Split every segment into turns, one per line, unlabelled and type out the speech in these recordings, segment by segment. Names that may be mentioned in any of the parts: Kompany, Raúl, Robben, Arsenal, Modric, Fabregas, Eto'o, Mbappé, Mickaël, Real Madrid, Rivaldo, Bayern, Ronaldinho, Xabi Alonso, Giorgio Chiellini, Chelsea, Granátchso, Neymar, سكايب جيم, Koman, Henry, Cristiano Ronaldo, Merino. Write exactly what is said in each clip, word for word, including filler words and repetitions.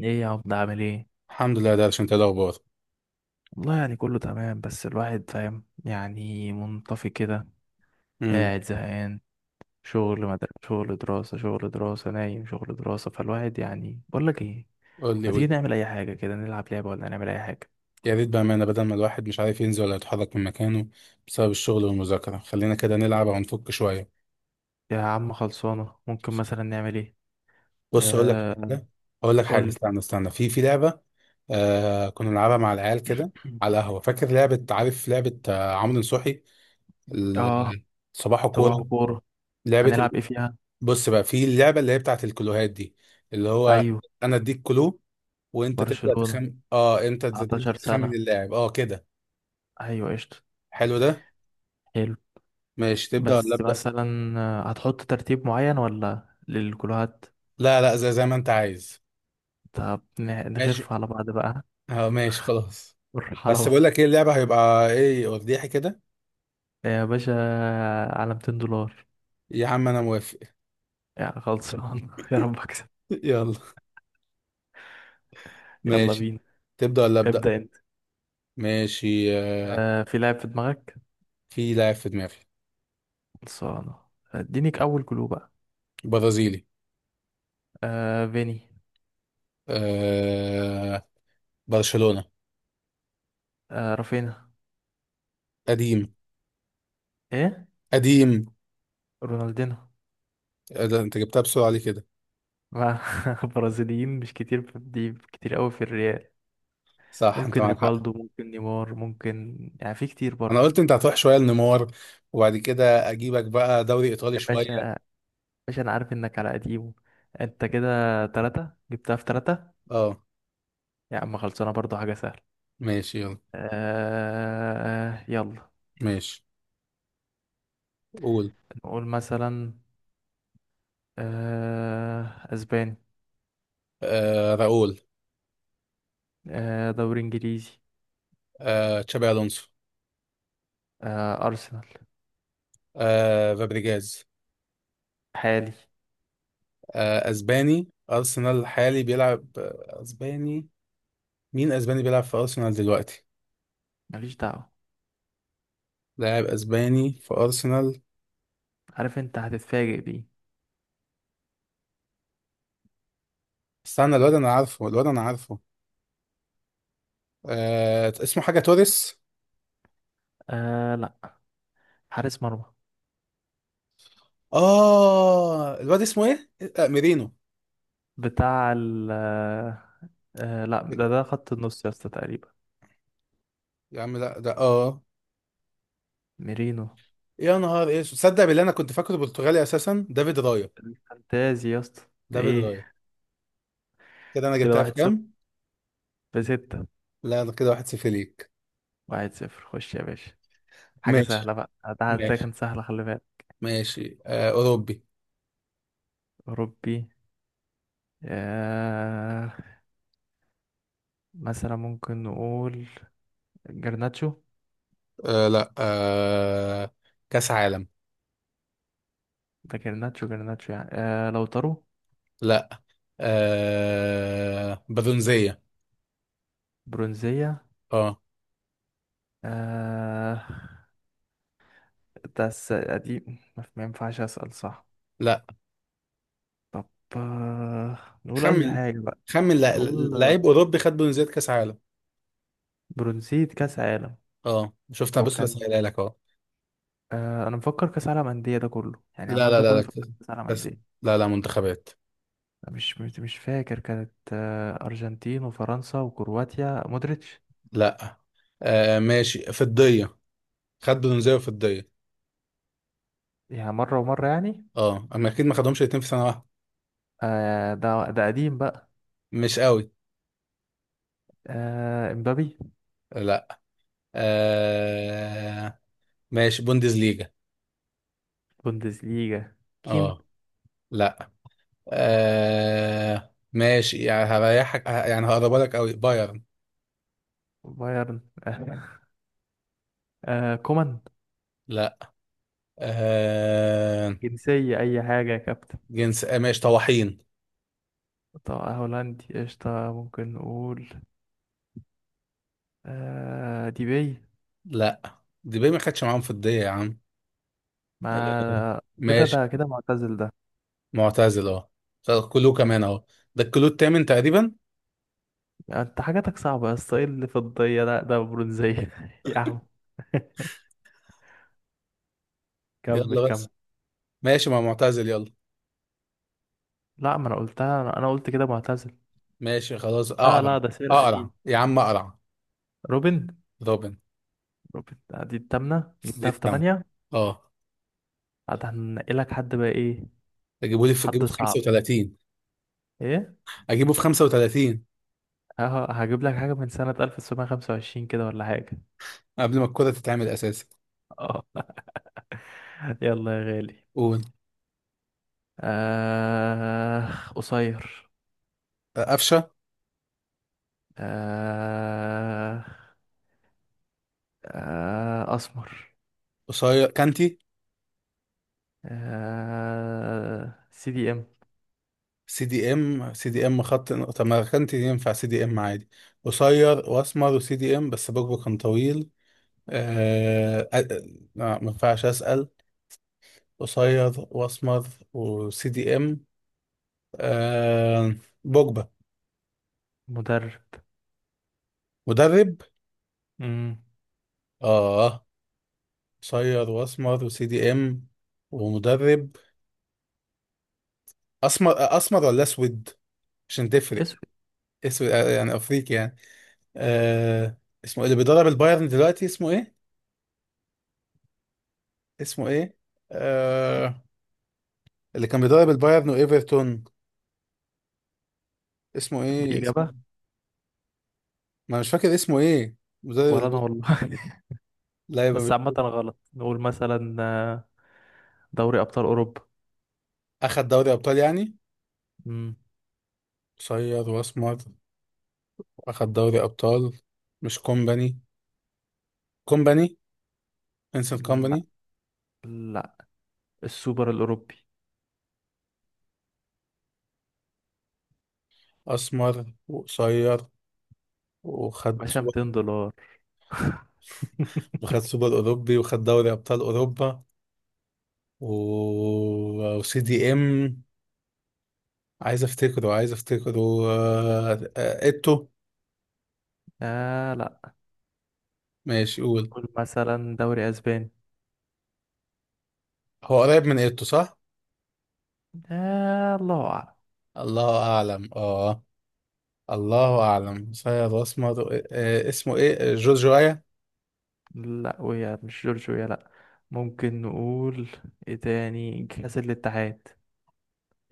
ايه يا عبد، عامل ايه؟
الحمد لله، ده عشان تلاقي الاخبار.
والله يعني كله تمام، بس الواحد فاهم، يعني منطفي كده،
امم.
قاعد زهقان. شغل مد... شغل دراسة، شغل دراسة، نايم، شغل دراسة. فالواحد يعني بقول لك ايه،
قول لي،
ما تيجي
قول.
نعمل اي حاجة كده، نلعب لعبة ولا نعمل اي حاجة؟
يا ريت بامانه، بدل ما الواحد مش عارف ينزل ولا يتحرك من مكانه بسبب الشغل والمذاكره، خلينا كده نلعب او نفك شويه.
يا عم خلصانة، ممكن مثلا نعمل ايه؟
بص اقول لك
آه،
حاجه اقول لك
قول
حاجه
لي.
استنى استنى، في في لعبه. آه كنا بنلعبها مع العيال كده على القهوه. فاكر لعبه؟ عارف لعبه آه عمرو نصوحي؟
اه،
ال- صباح
صباح
كوره.
كورة.
لعبه ال...
هنلعب ايه فيها؟
بص بقى، في اللعبه اللي هي بتاعت الكلوهات دي، اللي هو
ايوه.
انا اديك كلو وانت تبدا
برشلونة،
تخمن. اه انت انت
تسعتاشر
تخمن
سنة.
اللاعب اه كده.
ايوه قشطة.
حلو ده.
حلو.
ماشي، تبدأ ولا
بس
أبدأ؟
مثلا آه، هتحط ترتيب معين ولا للكلوهات؟
لا لا، زي زي ما أنت عايز.
طب ن-
ماشي.
نخف على بعض بقى،
اه ماشي، خلاص.
نروح على
بس بقول
بعض.
لك ايه، اللعبة هيبقى ايه وفضيحي كده.
يا باشا، على ميتين دولار.
يا عم أنا موافق.
يعني خلصان. يا رب اكسب.
يلا،
يلا
ماشي.
بينا.
تبدأ ولا أبدأ؟
ابدأ انت.
ماشي آه،
آه، في لاعب في دماغك؟
في لاعب في دماغي.
خلصانة. ادينيك اول كلو بقى.
برازيلي.
آه فيني.
آه برشلونة.
آه رافينا.
قديم.
ايه؟
قديم.
رونالدينو.
آه، ده أنت جبتها بسرعة ليه كده؟
مع برازيليين مش كتير في دي، كتير قوي في الريال.
صح، أنت
ممكن
معاك حق.
ريفالدو، ممكن نيمار، ممكن يعني في كتير
أنا
برضه.
قلت أنت هتروح شوية لنيمار، وبعد كده أجيبك بقى دوري إيطالي
يا
شوية.
باشا، باشا انا عارف انك على قديمه. انت كده تلاتة جبتها في تلاتة.
اه
يا عم خلصانة، برضو حاجة سهلة.
ماشي، يلا.
آه يلا.
ماشي. قول.
نقول مثلا آه، اسباني.
آه راؤول.
آه دوري انجليزي.
آه تشابي الونسو.
آه ارسنال.
آه فابريجاز.
حالي.
آه اسباني، ارسنال الحالي بيلعب آه، اسباني. مين اسباني بيلعب في ارسنال دلوقتي؟
ماليش دعوة.
لاعب اسباني في ارسنال.
عارف انت هتتفاجئ بيه.
استنى، الواد انا عارفه، الواد انا عارفه. آه اسمه حاجه توريس.
آه لا، حارس مرمى.
اه الواد اسمه ايه؟ آه ميرينو.
بتاع ال آه آه، لا ده ده خط النص يا اسطى تقريبا.
يا عم لا، ده اه.
ميرينو
يا نهار ايه، تصدق بالله انا كنت فاكره برتغالي اساسا. دافيد رايا.
الفانتازي يا اسطى.
دافيد رايا.
ايه؟
كده انا
كده
جبتها في
واحد صفر،
كام؟
بستة.
لا، ده كده واحد صفر ليك.
واحد صفر، خش يا باشا. حاجة
ماشي.
سهلة بقى. ده ده
ماشي.
كان سهلة، خلي بالك.
ماشي آه أوروبي.
أوروبي. آه، مثلا ممكن نقول جرناتشو.
آه لا آه كأس عالم.
ده جرناتشو، جرناتشو يعني آه لو طرو.
لا آه برونزية.
برونزية.
اه.
آه، ده الس- قديم، ما ما ينفعش أسأل صح؟
لا.
طب. آه، نقول أي
خمن.
حاجة بقى.
خمن لع-
نقول آه،
لعيب أوروبي خد برونزية كأس عالم.
برونزية كأس عالم.
اه شفت، انا
هو
بس
كان
بسألها لك اهو.
آه، أنا مفكر كأس عالم أندية، ده كله يعني
لا
عمال
لا
ده
لا لا،
كله في
كأس.
كأس عالم
كأس-
أندية.
لا لا، منتخبات.
مش مش مش فاكر، كانت آه، أرجنتين وفرنسا وكرواتيا، مودريتش.
لا آه ماشي، فضية. خد برونزية وفضية.
يعني مرة ومرة يعني
اه، اما اكيد ما خدهمش الاتنين في سنة واحدة.
آه ده ده قديم بقى.
مش قوي.
آه امبابي.
لا آه ماشي، بوندسليجا.
بوندسليجا. كين.
اه. لا. آه ماشي، يعني هريحك ه- يعني هقربها لك قوي، بايرن.
بايرن. آه. آه كومان.
لا. آه
جنسية أي حاجة يا كابتن.
جنس آه ماشي، طواحين.
طب هولندي قشطة، ممكن نقول آه ديبي.
لا دي بيه ما خدش معاهم في الدية يا عم. آه
ما كده
ماشي،
ده كده معتزل ده.
معتزل اهو. طب كلو كمان اهو. ده الكلو التامن تقريبا.
انت حاجاتك صعبة يا اسطى، ايه اللي في الضية ده؟ ده برونزية. يا عم، كمل
يلا بس.
كمل.
ماشي، ما معتزل، يلا.
لا، ما انا قلتها، انا أنا قلت كده معتزل.
ماشي خلاص،
لا
اقرع.
لا، ده سرقة
اقرع
دي.
يا عم، اقرع.
روبن.
روبن.
روبن آه، دي التامنة
دي
جبتها في
التامن.
تمانية.
اه.
بعد هنقلك حد بقى ايه؟
اجيبه لي في، اجيبه
حد
في
صعب.
خمسة وثلاثين.
ايه؟
اجيبه في خمسة وتلاتين.
اه، هجيب لك حاجة من سنة ألف وتسعمائة وخمسة وعشرين كده ولا حاجة.
قبل ما الكرة تتعمل اساسا.
اه. يلا يا غالي.
قول.
آه، قصير.
قفشة.
آه. آه أسمر.
قصير. كانتي.
آه سي دي ام.
سي دي ام. سي دي ام، خط. طب ما كانتي ينفع سي دي ام عادي. قصير واسمر وسي دي ام، بس بوجبه كان طويل. آه... آه... آه، ما ينفعش اسال. قصير واسمر وسي دي ام. آه... بوجبه.
مدرب.
مدرب.
مم.
اه، قصير واسمر وسي دي ام ومدرب. اسمر آه، اسمر ولا اسود؟ عشان تفرق.
اسود.
اسود آه، يعني افريقي يعني. آه... اسمه إيه اللي بيدرب البايرن دلوقتي؟ اسمه ايه؟ اسمه ايه؟ آه... اللي كان بيدرب البايرن وايفرتون، اسمه ايه؟
دي
اسمه...
إجابة.
ما مش فاكر اسمه ايه. مدرب
ولا أنا
الب...
والله.
لا يبقى
بس
مش.
عامة غلط. نقول مثلا آه، دوري أبطال أوروبا.
اخد دوري ابطال يعني.
مم.
قصير واسمر واخد دوري ابطال. مش كومباني؟ كومباني. انسان
لا
كومباني.
لا، السوبر الأوروبي.
اسمر وقصير وخد
باشا،
سوبر.
ميتين دولار.
وخد سوبر اوروبي وخد دوري ابطال اوروبا و... وسي دي ام. عايز افتكره عايز افتكره. آه... آه... ايتو.
آه لا.
ماشي قول.
قول مثلا دوري أسباني.
هو قريب من ايتو صح؟
آه الله أعلم.
الله أعلم. اه الله أعلم. صياد أسمر آه، اسمه إيه؟ جورجو آيا.
لا ويا، مش جورجيا، لا. ممكن نقول إيه تاني، كأس الاتحاد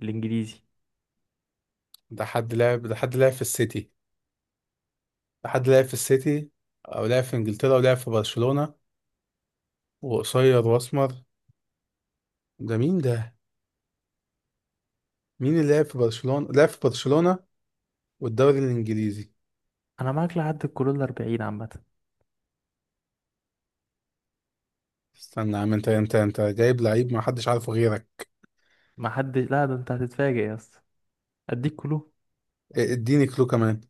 الإنجليزي.
ده حد لعب، ده حد لعب في السيتي ده حد لعب في السيتي، أو لعب في إنجلترا ولعب في برشلونة، وقصير وأسمر. ده مين ده؟ مين اللي لعب في برشلونة؟ لعب في برشلونة والدوري الإنجليزي.
أنا معاك لحد الكلو الأربعين عامة.
استنى يا عم، أنت أنت أنت جايب لعيب ما حدش عارفه غيرك.
ما حد، لا ده أنت هتتفاجئ يا اسطى. أديك كلو.
إيه، اديني كلو كمان.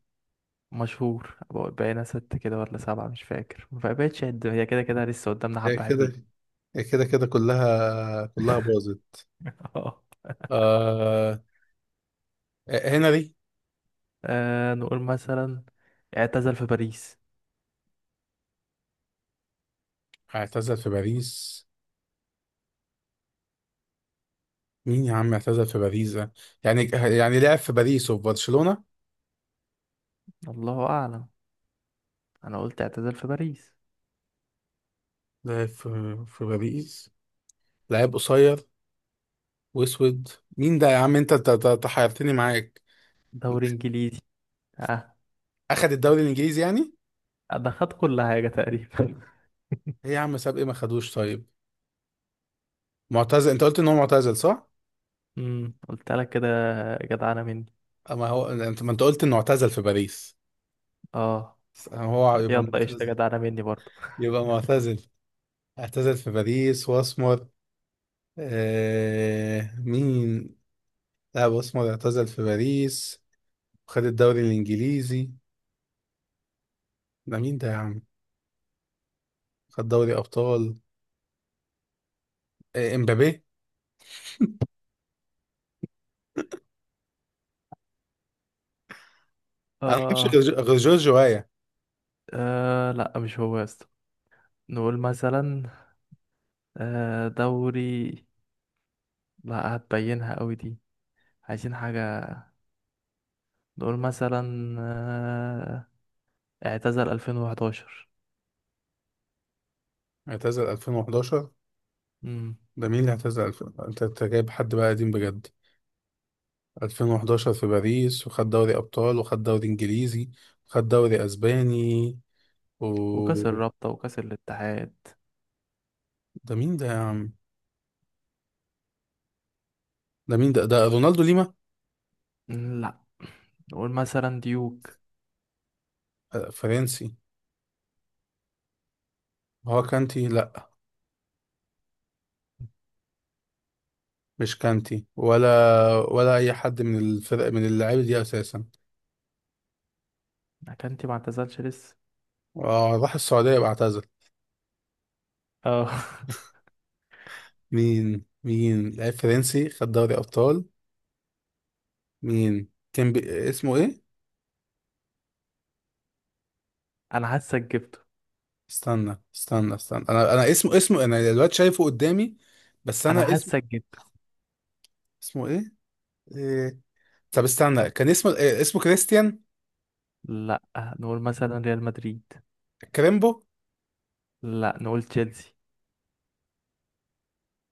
مشهور بقى- بقينا ست كده ولا سبعة، مش فاكر. ما بقتش قد هي، كده كده لسه قدامنا حبة
إيه كده.
حلوين.
إيه كده كده، كلها كلها باظت.
اه.
آه... إيه، هنري.
آه، نقول مثلا اعتزل في باريس.
اعتزل في باريس. مين يا عم اعتزل في باريس ده؟ يعني يعني لعب في باريس وفي برشلونة.
الله أعلم. أنا قلت اعتزل في باريس.
لعب في في باريس. لعيب قصير واسود. مين ده يا عم؟ انت انت أنت- أنت حيرتني معاك.
دوري إنجليزي. اه،
اخد الدوري الانجليزي يعني.
ده خد كل حاجة تقريبا.
ايه يا عم، ساب ايه؟ ما خدوش طيب؟ معتزل، انت قلت ان هو معتزل، صح؟
امم، قلت لك كده، جدعانة مني.
اما هو انت، ما انت قلت انه اعتزل في باريس.
اه
هو يبقى
يلا قشطة،
معتزل.
جدعانة مني برضو.
يبقى معتزل اعتزل في باريس واسمر. آه... مين؟ لا، اسمر، اعتزل في باريس وخد الدوري الانجليزي. ده مين ده يا عم؟ خد دوري ابطال. آه، امبابي. انا ما اعرفش
آه.
غير غير جورج وايا.
اه لا، مش هو يا اسطى. نقول مثلا آه دوري، لا هتبينها قوي دي. عايزين حاجة. نقول مثلا آه، اعتزل ألفين وحداشر.
اعتزل ألفين وحداشر.
امم.
ده مين اللي اعتزل ألفين؟ انت أنت جايب حد بقى قديم بجد. ألفين وحداشر في باريس، وخد دوري ابطال وخد دوري انجليزي وخد دوري اسباني، و
وكاس الرابطة وكاس الاتحاد.
ده مين ده يا عم؟ ده مين ده؟ ده رونالدو ليما؟
مم، لا. نقول مثلا ديوك.
آه، فرنسي. هو كانتي؟ لا، مش كانتي، ولا ولا اي حد من الفرق من اللعيبه دي اساسا.
اكانتي ما اعتزلش لسه.
آه، راح السعوديه واعتزل؟
اه.
مين مين لعيب فرنسي خد دوري ابطال؟ مين كان بي... اسمه ايه؟
انا حاسك جبته.
استنى استنى استنى انا انا اسمه، اسمه انا دلوقتي شايفه قدامي، بس انا
انا
اسمه.
حاسك جبته.
اسمه ايه؟ إيه... طب استنى، كان اسمه إيه؟ اسمه كريستيان.
لا، نقول مثلا ريال مدريد.
كريمبو.
لا نقول تشيلسي.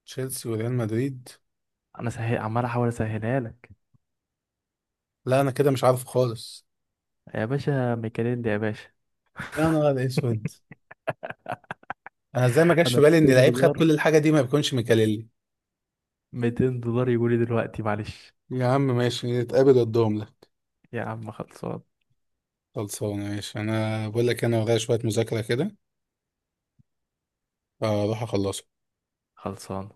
تشيلسي وريال مدريد.
انا سهل عمال احاول اسهلها لك.
لا انا كده مش عارف خالص.
يا باشا ميكاليل، يا باشا.
يا نهار اسود، انا ازاي ما جاش في
انا
بالي ان
200
لعيب خد
دولار
كل الحاجه دي ما بيكونش ميكاليلي.
ميتين دولار يقولي دلوقتي، معلش.
يا عم ماشي، نتقابل قدام ده.
يا عم خلصان.
خلصانه، ماشي. انا بقول لك انا ورايا شويه مذاكره كده، اروح اخلصه.
خلصان.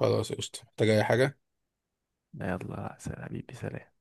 خلاص قشطه، محتاج اي حاجه؟
يلا سلام حبيبي، سلام.